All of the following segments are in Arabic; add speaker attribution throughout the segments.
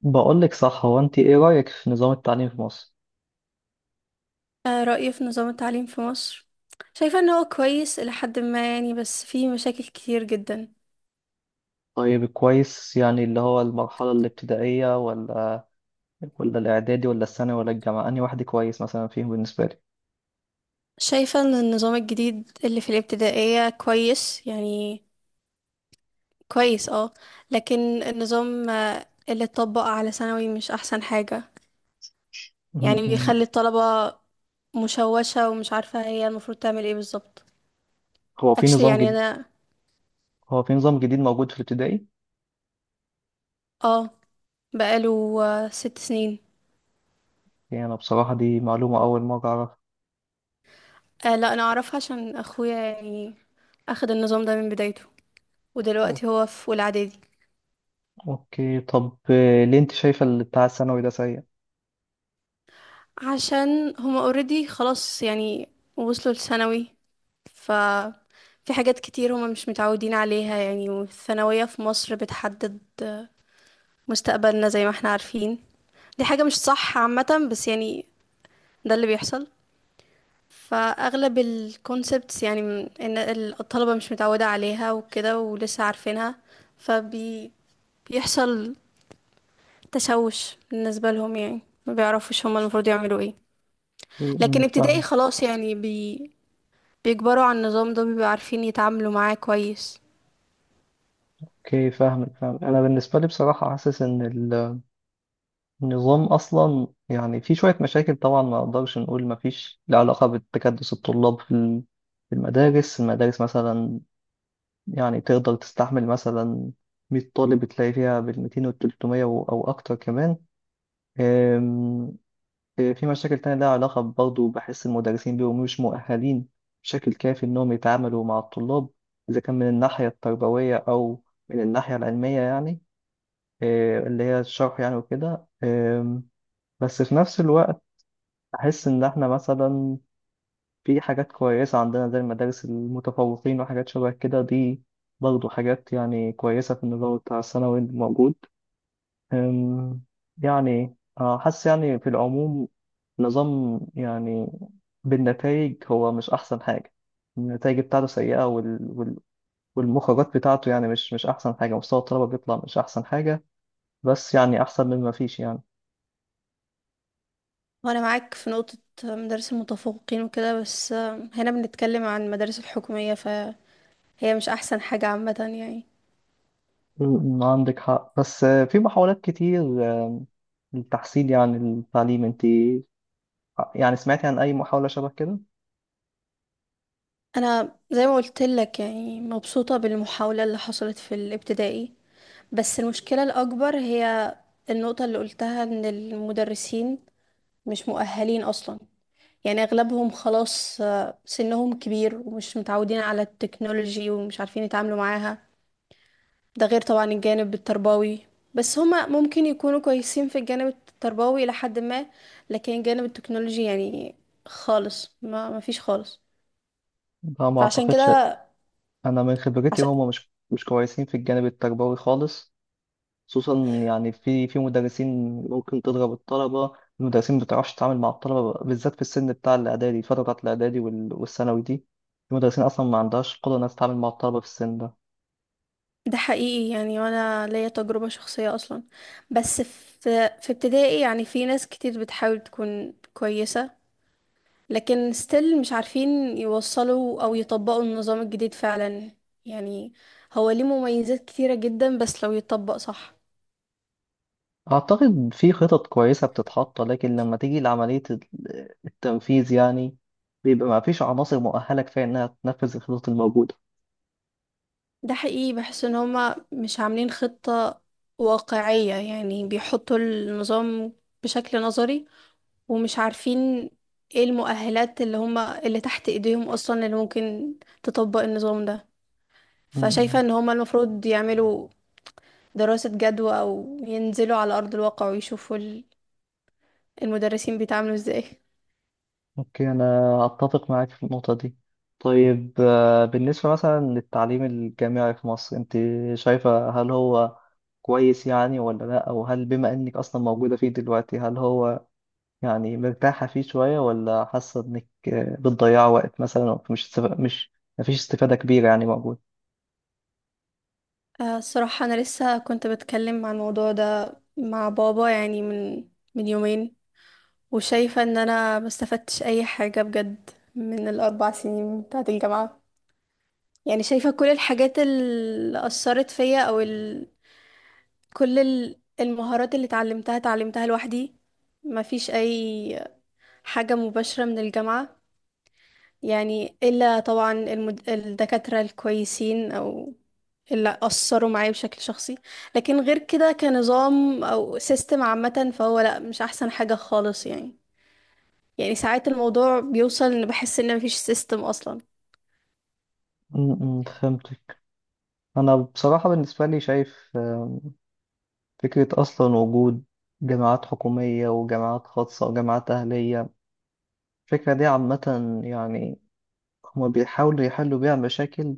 Speaker 1: بقولك صح، هو انت ايه رأيك في نظام التعليم في مصر؟
Speaker 2: آه، رأيي في نظام التعليم في مصر. شايفة ان هو كويس إلى حد ما يعني، بس فيه مشاكل كتير جدا.
Speaker 1: طيب كويس يعني اللي هو المرحلة الابتدائية ولا الإعدادي ولا الثانوي ولا الجامعة، أنهي واحد كويس مثلا فيهم بالنسبة لي؟
Speaker 2: شايفة ان النظام الجديد اللي في الابتدائية كويس يعني، كويس اه. لكن النظام اللي اتطبق على ثانوي مش احسن حاجة،
Speaker 1: م-
Speaker 2: يعني بيخلي
Speaker 1: م.
Speaker 2: الطلبة مشوشة ومش عارفة هي المفروض تعمل ايه بالظبط.
Speaker 1: هو في
Speaker 2: actually
Speaker 1: نظام
Speaker 2: يعني
Speaker 1: جديد.
Speaker 2: انا
Speaker 1: هو في نظام جديد موجود في الابتدائي؟
Speaker 2: اه، بقاله 6 سنين.
Speaker 1: يعني أنا بصراحة دي معلومة أول مرة أعرفها.
Speaker 2: آه، لا انا اعرفها عشان اخويا، يعني اخد النظام ده من بدايته
Speaker 1: أو-
Speaker 2: ودلوقتي هو في اولى اعدادي.
Speaker 1: أوكي، طب ليه أنت شايفة اللي بتاع الثانوي ده سيء؟
Speaker 2: عشان هما اوريدي خلاص يعني، وصلوا لثانوي، ففي حاجات كتير هما مش متعودين عليها يعني، والثانوية في مصر بتحدد مستقبلنا زي ما احنا عارفين. دي حاجة مش صح عامة بس يعني، ده اللي بيحصل. فأغلب الكونسبتس يعني إن الطلبة مش متعودة عليها وكده ولسه عارفينها، فبيحصل تشوش بالنسبة لهم يعني، ما بيعرفوش هما المفروض يعملوا ايه.
Speaker 1: م-
Speaker 2: لكن
Speaker 1: م،
Speaker 2: ابتدائي
Speaker 1: فاهم.
Speaker 2: خلاص يعني، بيكبروا على النظام ده بيبقوا عارفين يتعاملوا معاه كويس.
Speaker 1: أوكي، فاهمك، فاهم. أنا بالنسبة لي بصراحة حاسس إن نظام اصلا يعني في شويه مشاكل طبعا، ما اقدرش نقول ما فيش له علاقه بتكدس الطلاب في في المدارس، مثلا. يعني تقدر تستحمل مثلا 100 طالب، تلاقي فيها بال 200 وال 300 او اكتر كمان. أم، في مشاكل تانية لها علاقه برضه، بحس المدرسين بيبقوا مش مؤهلين بشكل كافي انهم يتعاملوا مع الطلاب، اذا كان من الناحيه التربويه او من الناحيه العلميه يعني. اللي هي الشرح يعني وكده. بس في نفس الوقت أحس إن إحنا مثلا في حاجات كويسة عندنا زي المدارس المتفوقين وحاجات شبه كده، دي برضه حاجات يعني كويسة في النظام بتاع الثانوي الموجود. أم، يعني حاسس يعني في العموم نظام يعني بالنتائج هو مش أحسن حاجة. النتائج بتاعته سيئة، والمخرجات بتاعته يعني مش أحسن حاجة. مستوى الطلبة بيطلع مش أحسن حاجة، بس يعني أحسن من ما فيش يعني.
Speaker 2: وانا معاك في نقطة مدارس المتفوقين وكده، بس هنا بنتكلم عن المدارس الحكومية فهي مش احسن حاجة عامة يعني.
Speaker 1: م- م، عندك حق، بس في محاولات كتير التحصيل يعني التعليم، انت يعني سمعتي عن اي محاولة شبه كده؟
Speaker 2: انا زي ما قلت لك يعني، مبسوطة بالمحاولة اللي حصلت في الابتدائي، بس المشكلة الاكبر هي النقطة اللي قلتها ان المدرسين مش مؤهلين اصلا. يعني اغلبهم خلاص سنهم كبير ومش متعودين على التكنولوجي ومش عارفين يتعاملوا معاها. ده غير طبعا الجانب التربوي، بس هما ممكن يكونوا كويسين في الجانب التربوي إلى حد ما، لكن الجانب التكنولوجي يعني خالص ما فيش خالص.
Speaker 1: لا، ما
Speaker 2: فعشان
Speaker 1: اعتقدش.
Speaker 2: كده
Speaker 1: انا من خبرتي
Speaker 2: عشان
Speaker 1: هما مش كويسين في الجانب التربوي خالص، خصوصا يعني في مدرسين ممكن تضرب الطلبة. المدرسين ما بتعرفش تتعامل مع الطلبة بالذات في السن بتاع الاعدادي، الفترة بتاعت الاعدادي والثانوي دي. في مدرسين اصلا ما عندهاش قدرة انها تتعامل مع الطلبة في السن ده.
Speaker 2: ده حقيقي يعني، وانا ليا تجربة شخصية اصلا. بس في ابتدائي يعني، في ناس كتير بتحاول تكون كويسة، لكن ستيل مش عارفين يوصلوا او يطبقوا النظام الجديد فعلا يعني. هو ليه مميزات كتيرة جدا بس لو يتطبق صح.
Speaker 1: اعتقد في خطط كويسة بتتحط، لكن لما تيجي لعملية التنفيذ يعني بيبقى ما فيش عناصر مؤهلة كفاية انها تنفذ الخطط الموجودة.
Speaker 2: ده حقيقي، بحس ان هما مش عاملين خطة واقعية يعني، بيحطوا النظام بشكل نظري ومش عارفين ايه المؤهلات اللي هما اللي تحت ايديهم اصلا اللي ممكن تطبق النظام ده. فشايفة
Speaker 1: مم.
Speaker 2: ان هما المفروض يعملوا دراسة جدوى او ينزلوا على ارض الواقع ويشوفوا المدرسين بيتعاملوا ازاي.
Speaker 1: اوكي، انا اتفق معاك في النقطة دي. طيب بالنسبة مثلا للتعليم الجامعي في مصر، انت شايفة هل هو كويس يعني ولا لا، او هل بما انك اصلا موجودة فيه دلوقتي هل هو يعني مرتاحة فيه شوية، ولا حاسة انك بتضيع وقت مثلا؟ مش مفيش استفادة كبيرة يعني موجود.
Speaker 2: الصراحة أنا لسه كنت بتكلم عن الموضوع ده مع بابا يعني، من من يومين. وشايفة إن أنا مستفدتش أي حاجة بجد من الأربع سنين بتاعة الجامعة. يعني شايفة كل الحاجات اللي أثرت فيا كل المهارات اللي اتعلمتها اتعلمتها لوحدي. مفيش أي حاجة مباشرة من الجامعة، يعني إلا طبعا الدكاترة الكويسين أو اللي أثروا معايا بشكل شخصي. لكن غير كده كنظام أو سيستم عامة فهو لأ، مش أحسن حاجة خالص يعني. يعني ساعات الموضوع بيوصل إن بحس إن مفيش سيستم أصلا.
Speaker 1: امم، فهمتك. انا بصراحة بالنسبة لي شايف فكرة اصلا وجود جامعات حكومية وجامعات خاصة وجامعات أهلية، الفكرة دي عامة يعني هما بيحاولوا يحلوا بيها مشاكل،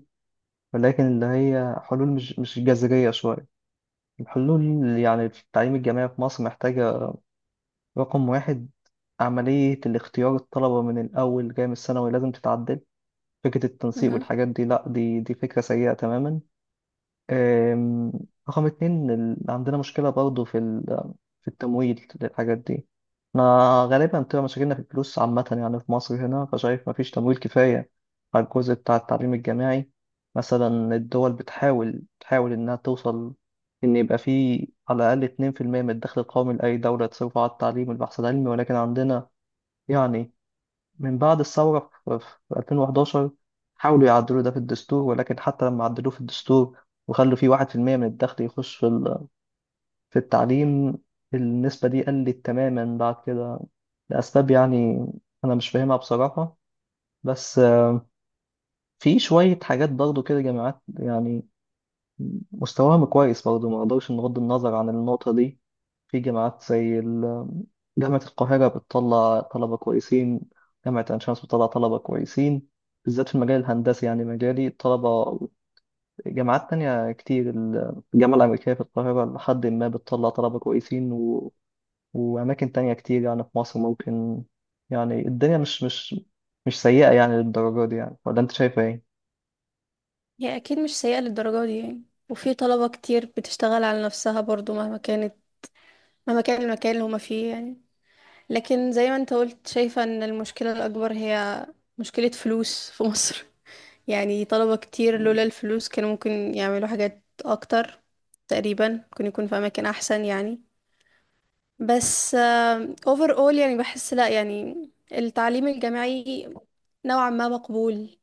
Speaker 1: ولكن اللي هي حلول مش جذرية شوية. الحلول يعني في التعليم الجامعي في مصر محتاجة، رقم واحد، عملية الاختيار الطلبة من الأول جاي من الثانوي لازم تتعدل. فكرة التنسيق
Speaker 2: مهم.
Speaker 1: والحاجات دي لأ، دي فكرة سيئة تماما. أم، رقم اتنين، عندنا مشكلة برضه في في التمويل للحاجات دي. احنا غالبا بتبقى مشاكلنا في الفلوس عامة يعني في مصر هنا، فشايف مفيش تمويل كفاية على الجزء بتاع التعليم الجامعي. مثلا الدول تحاول إنها توصل إن يبقى فيه على الأقل 2% من الدخل القومي لأي دولة تصرفه على التعليم والبحث العلمي، ولكن عندنا يعني من بعد الثورة في 2011 حاولوا يعدلوا ده في الدستور، ولكن حتى لما عدلوه في الدستور وخلوا فيه 1% من الدخل يخش في في التعليم، النسبة دي قلت تماما بعد كده لأسباب يعني أنا مش فاهمها بصراحة. بس في شوية حاجات برضو كده جامعات يعني مستواهم كويس برضه، ما اقدرش نغض النظر عن النقطة دي. في جامعات زي جامعة القاهرة بتطلع طلبة كويسين، جامعة عين شمس بتطلع طلبة كويسين بالذات في المجال الهندسي يعني مجالي الطلبة. جامعات تانية كتير، الجامعة الأمريكية في القاهرة لحد ما بتطلع طلبة كويسين وأماكن تانية كتير يعني في مصر ممكن. يعني الدنيا مش مش سيئة يعني للدرجة دي يعني، ولا أنت شايفة إيه؟
Speaker 2: هي أكيد مش سيئة للدرجة دي يعني، وفي طلبة كتير بتشتغل على نفسها برضو مهما كانت، مهما كان المكان اللي هما فيه يعني. لكن زي ما انت قلت، شايفة إن المشكلة الأكبر هي مشكلة فلوس في مصر. يعني طلبة كتير لولا الفلوس كانوا ممكن يعملوا حاجات اكتر، تقريبا ممكن يكون في اماكن احسن يعني. بس اوفر اول يعني، بحس لا يعني التعليم الجامعي نوعا ما مقبول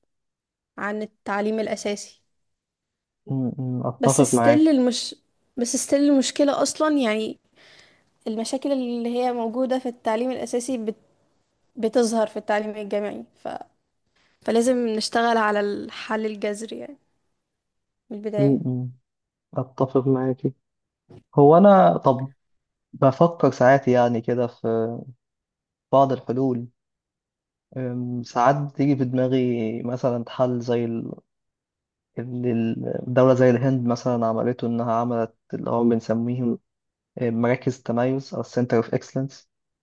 Speaker 2: عن التعليم الاساسي.
Speaker 1: م- م،
Speaker 2: بس
Speaker 1: أتفق
Speaker 2: ستيل
Speaker 1: معاك.
Speaker 2: المش بس ستيل المشكلة اصلا يعني، المشاكل اللي هي موجودة في التعليم الاساسي بتظهر في التعليم الجامعي فلازم نشتغل على الحل الجذري يعني، من البداية.
Speaker 1: م- م، أتفق معاك. هو أنا طب بفكر ساعات يعني كده في بعض الحلول. ساعات بتيجي في دماغي مثلا حل زي ال- اللي الدولة زي الهند مثلا عملته، إنها عملت اللي هو بنسميهم مراكز تميز أو Center of Excellence،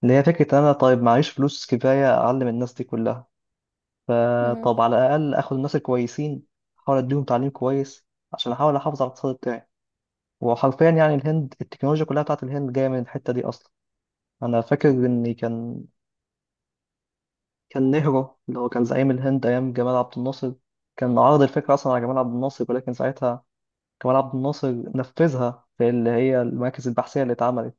Speaker 1: اللي هي فكرة إن أنا طيب معيش فلوس كفاية أعلم الناس دي كلها،
Speaker 2: مهم.
Speaker 1: فطب على الأقل آخد الناس الكويسين أحاول أديهم تعليم كويس عشان أحاول أحافظ على الاقتصاد بتاعي. وحرفيا يعني الهند، التكنولوجيا كلها بتاعت الهند جاية من الحتة دي أصلا. أنا فاكر إني كان نهرو اللي هو كان زعيم الهند أيام جمال عبد الناصر كان عرض الفكرة أصلا على جمال عبد الناصر، ولكن ساعتها جمال عبد الناصر نفذها في اللي هي المراكز البحثية اللي اتعملت،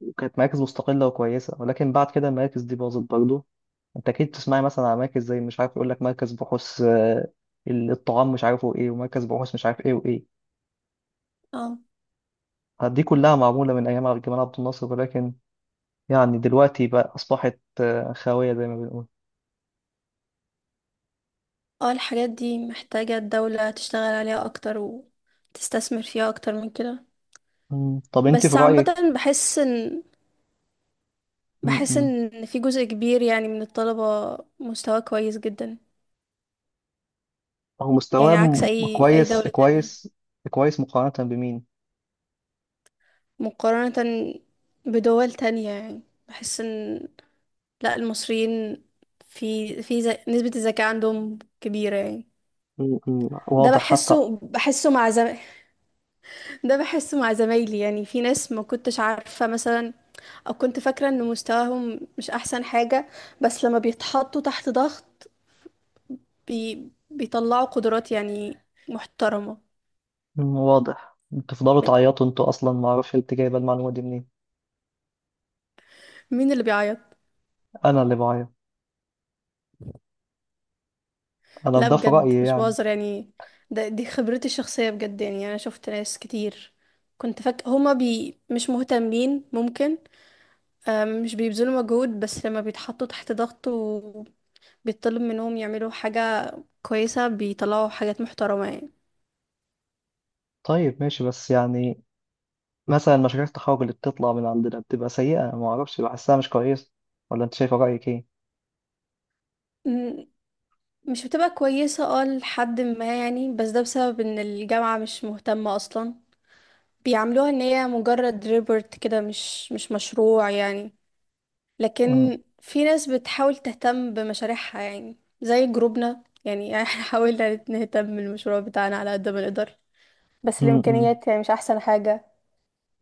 Speaker 1: وكانت مراكز مستقلة وكويسة، ولكن بعد كده المراكز دي باظت برضه. أنت أكيد تسمعي مثلا على مراكز زي مش عارف يقول لك مركز بحوث الطعام مش عارفه إيه، ومركز بحوث مش عارف إيه وإيه.
Speaker 2: اه
Speaker 1: دي كلها معمولة من أيام جمال عبد الناصر، ولكن يعني دلوقتي بقى أصبحت خاوية زي ما بنقول.
Speaker 2: اه، الحاجات دي محتاجة الدولة تشتغل عليها أكتر وتستثمر فيها أكتر من كده.
Speaker 1: مم. طب أنت في
Speaker 2: بس عامة،
Speaker 1: رأيك؟
Speaker 2: بحس
Speaker 1: مم.
Speaker 2: إن في جزء كبير يعني من الطلبة مستواه كويس جدا.
Speaker 1: هو
Speaker 2: يعني
Speaker 1: مستواه
Speaker 2: عكس أي
Speaker 1: كويس
Speaker 2: دولة تانية،
Speaker 1: كويس كويس مقارنة بمين؟
Speaker 2: مقارنة بدول تانية يعني. بحس إن لأ، المصريين نسبة الذكاء عندهم كبيرة يعني. ده
Speaker 1: واضح حتى.
Speaker 2: بحسه بحسه مع ده بحسه مع زمايلي يعني، في ناس ما كنتش عارفة مثلا، او كنت فاكره ان مستواهم مش احسن حاجه، بس لما بيتحطوا تحت ضغط بيطلعوا قدرات يعني محترمه.
Speaker 1: واضح بتفضلوا
Speaker 2: من...
Speaker 1: تعيطوا انتوا اصلا، ما اعرفش انت جايبه المعلومه دي منين.
Speaker 2: مين اللي بيعيط؟
Speaker 1: انا اللي بعيط؟ انا
Speaker 2: لا
Speaker 1: ده في
Speaker 2: بجد
Speaker 1: رايي
Speaker 2: مش
Speaker 1: يعني.
Speaker 2: بهزر يعني، ده دي خبرتي الشخصيه بجد يعني. انا شفت ناس كتير كنت فاكره هما مش مهتمين، ممكن مش بيبذلوا مجهود، بس لما بيتحطوا تحت ضغط وبيطلب منهم يعملوا حاجه كويسه بيطلعوا حاجات محترمه.
Speaker 1: طيب ماشي، بس يعني مثلا مشاريع التخرج اللي بتطلع من عندنا بتبقى سيئه ما اعرفش، بحسها مش كويسه، ولا انت شايفه رايك ايه؟
Speaker 2: يعني مش بتبقى كويسة اه لحد ما يعني، بس ده بسبب ان الجامعة مش مهتمة اصلا، بيعاملوها ان هي مجرد ريبورت كده، مش مش مشروع يعني.
Speaker 1: م-
Speaker 2: لكن في ناس بتحاول تهتم بمشاريعها يعني زي جروبنا يعني. احنا حاولنا نهتم بالمشروع بتاعنا على قد ما نقدر، بس
Speaker 1: م- م.
Speaker 2: الامكانيات يعني مش احسن حاجة.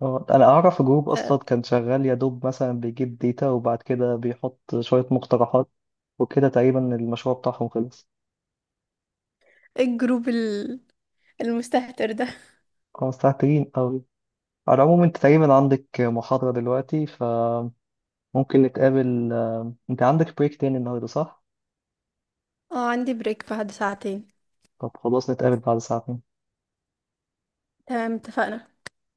Speaker 1: اه، انا اعرف جروب
Speaker 2: آه،
Speaker 1: اصلا كان شغال يا دوب، مثلا بيجيب ديتا وبعد كده بيحط شويه مقترحات وكده تقريبا المشروع بتاعهم خلص.
Speaker 2: ايه الجروب المستهتر ده؟
Speaker 1: اه، الساعة 3 أوي. على العموم أنت تقريبا عندك محاضرة دلوقتي، فممكن نتقابل. أنت عندك بريك تاني النهاردة صح؟
Speaker 2: اه، عندي بريك بعد ساعتين.
Speaker 1: طب خلاص، نتقابل بعد ساعتين.
Speaker 2: تمام، اتفقنا.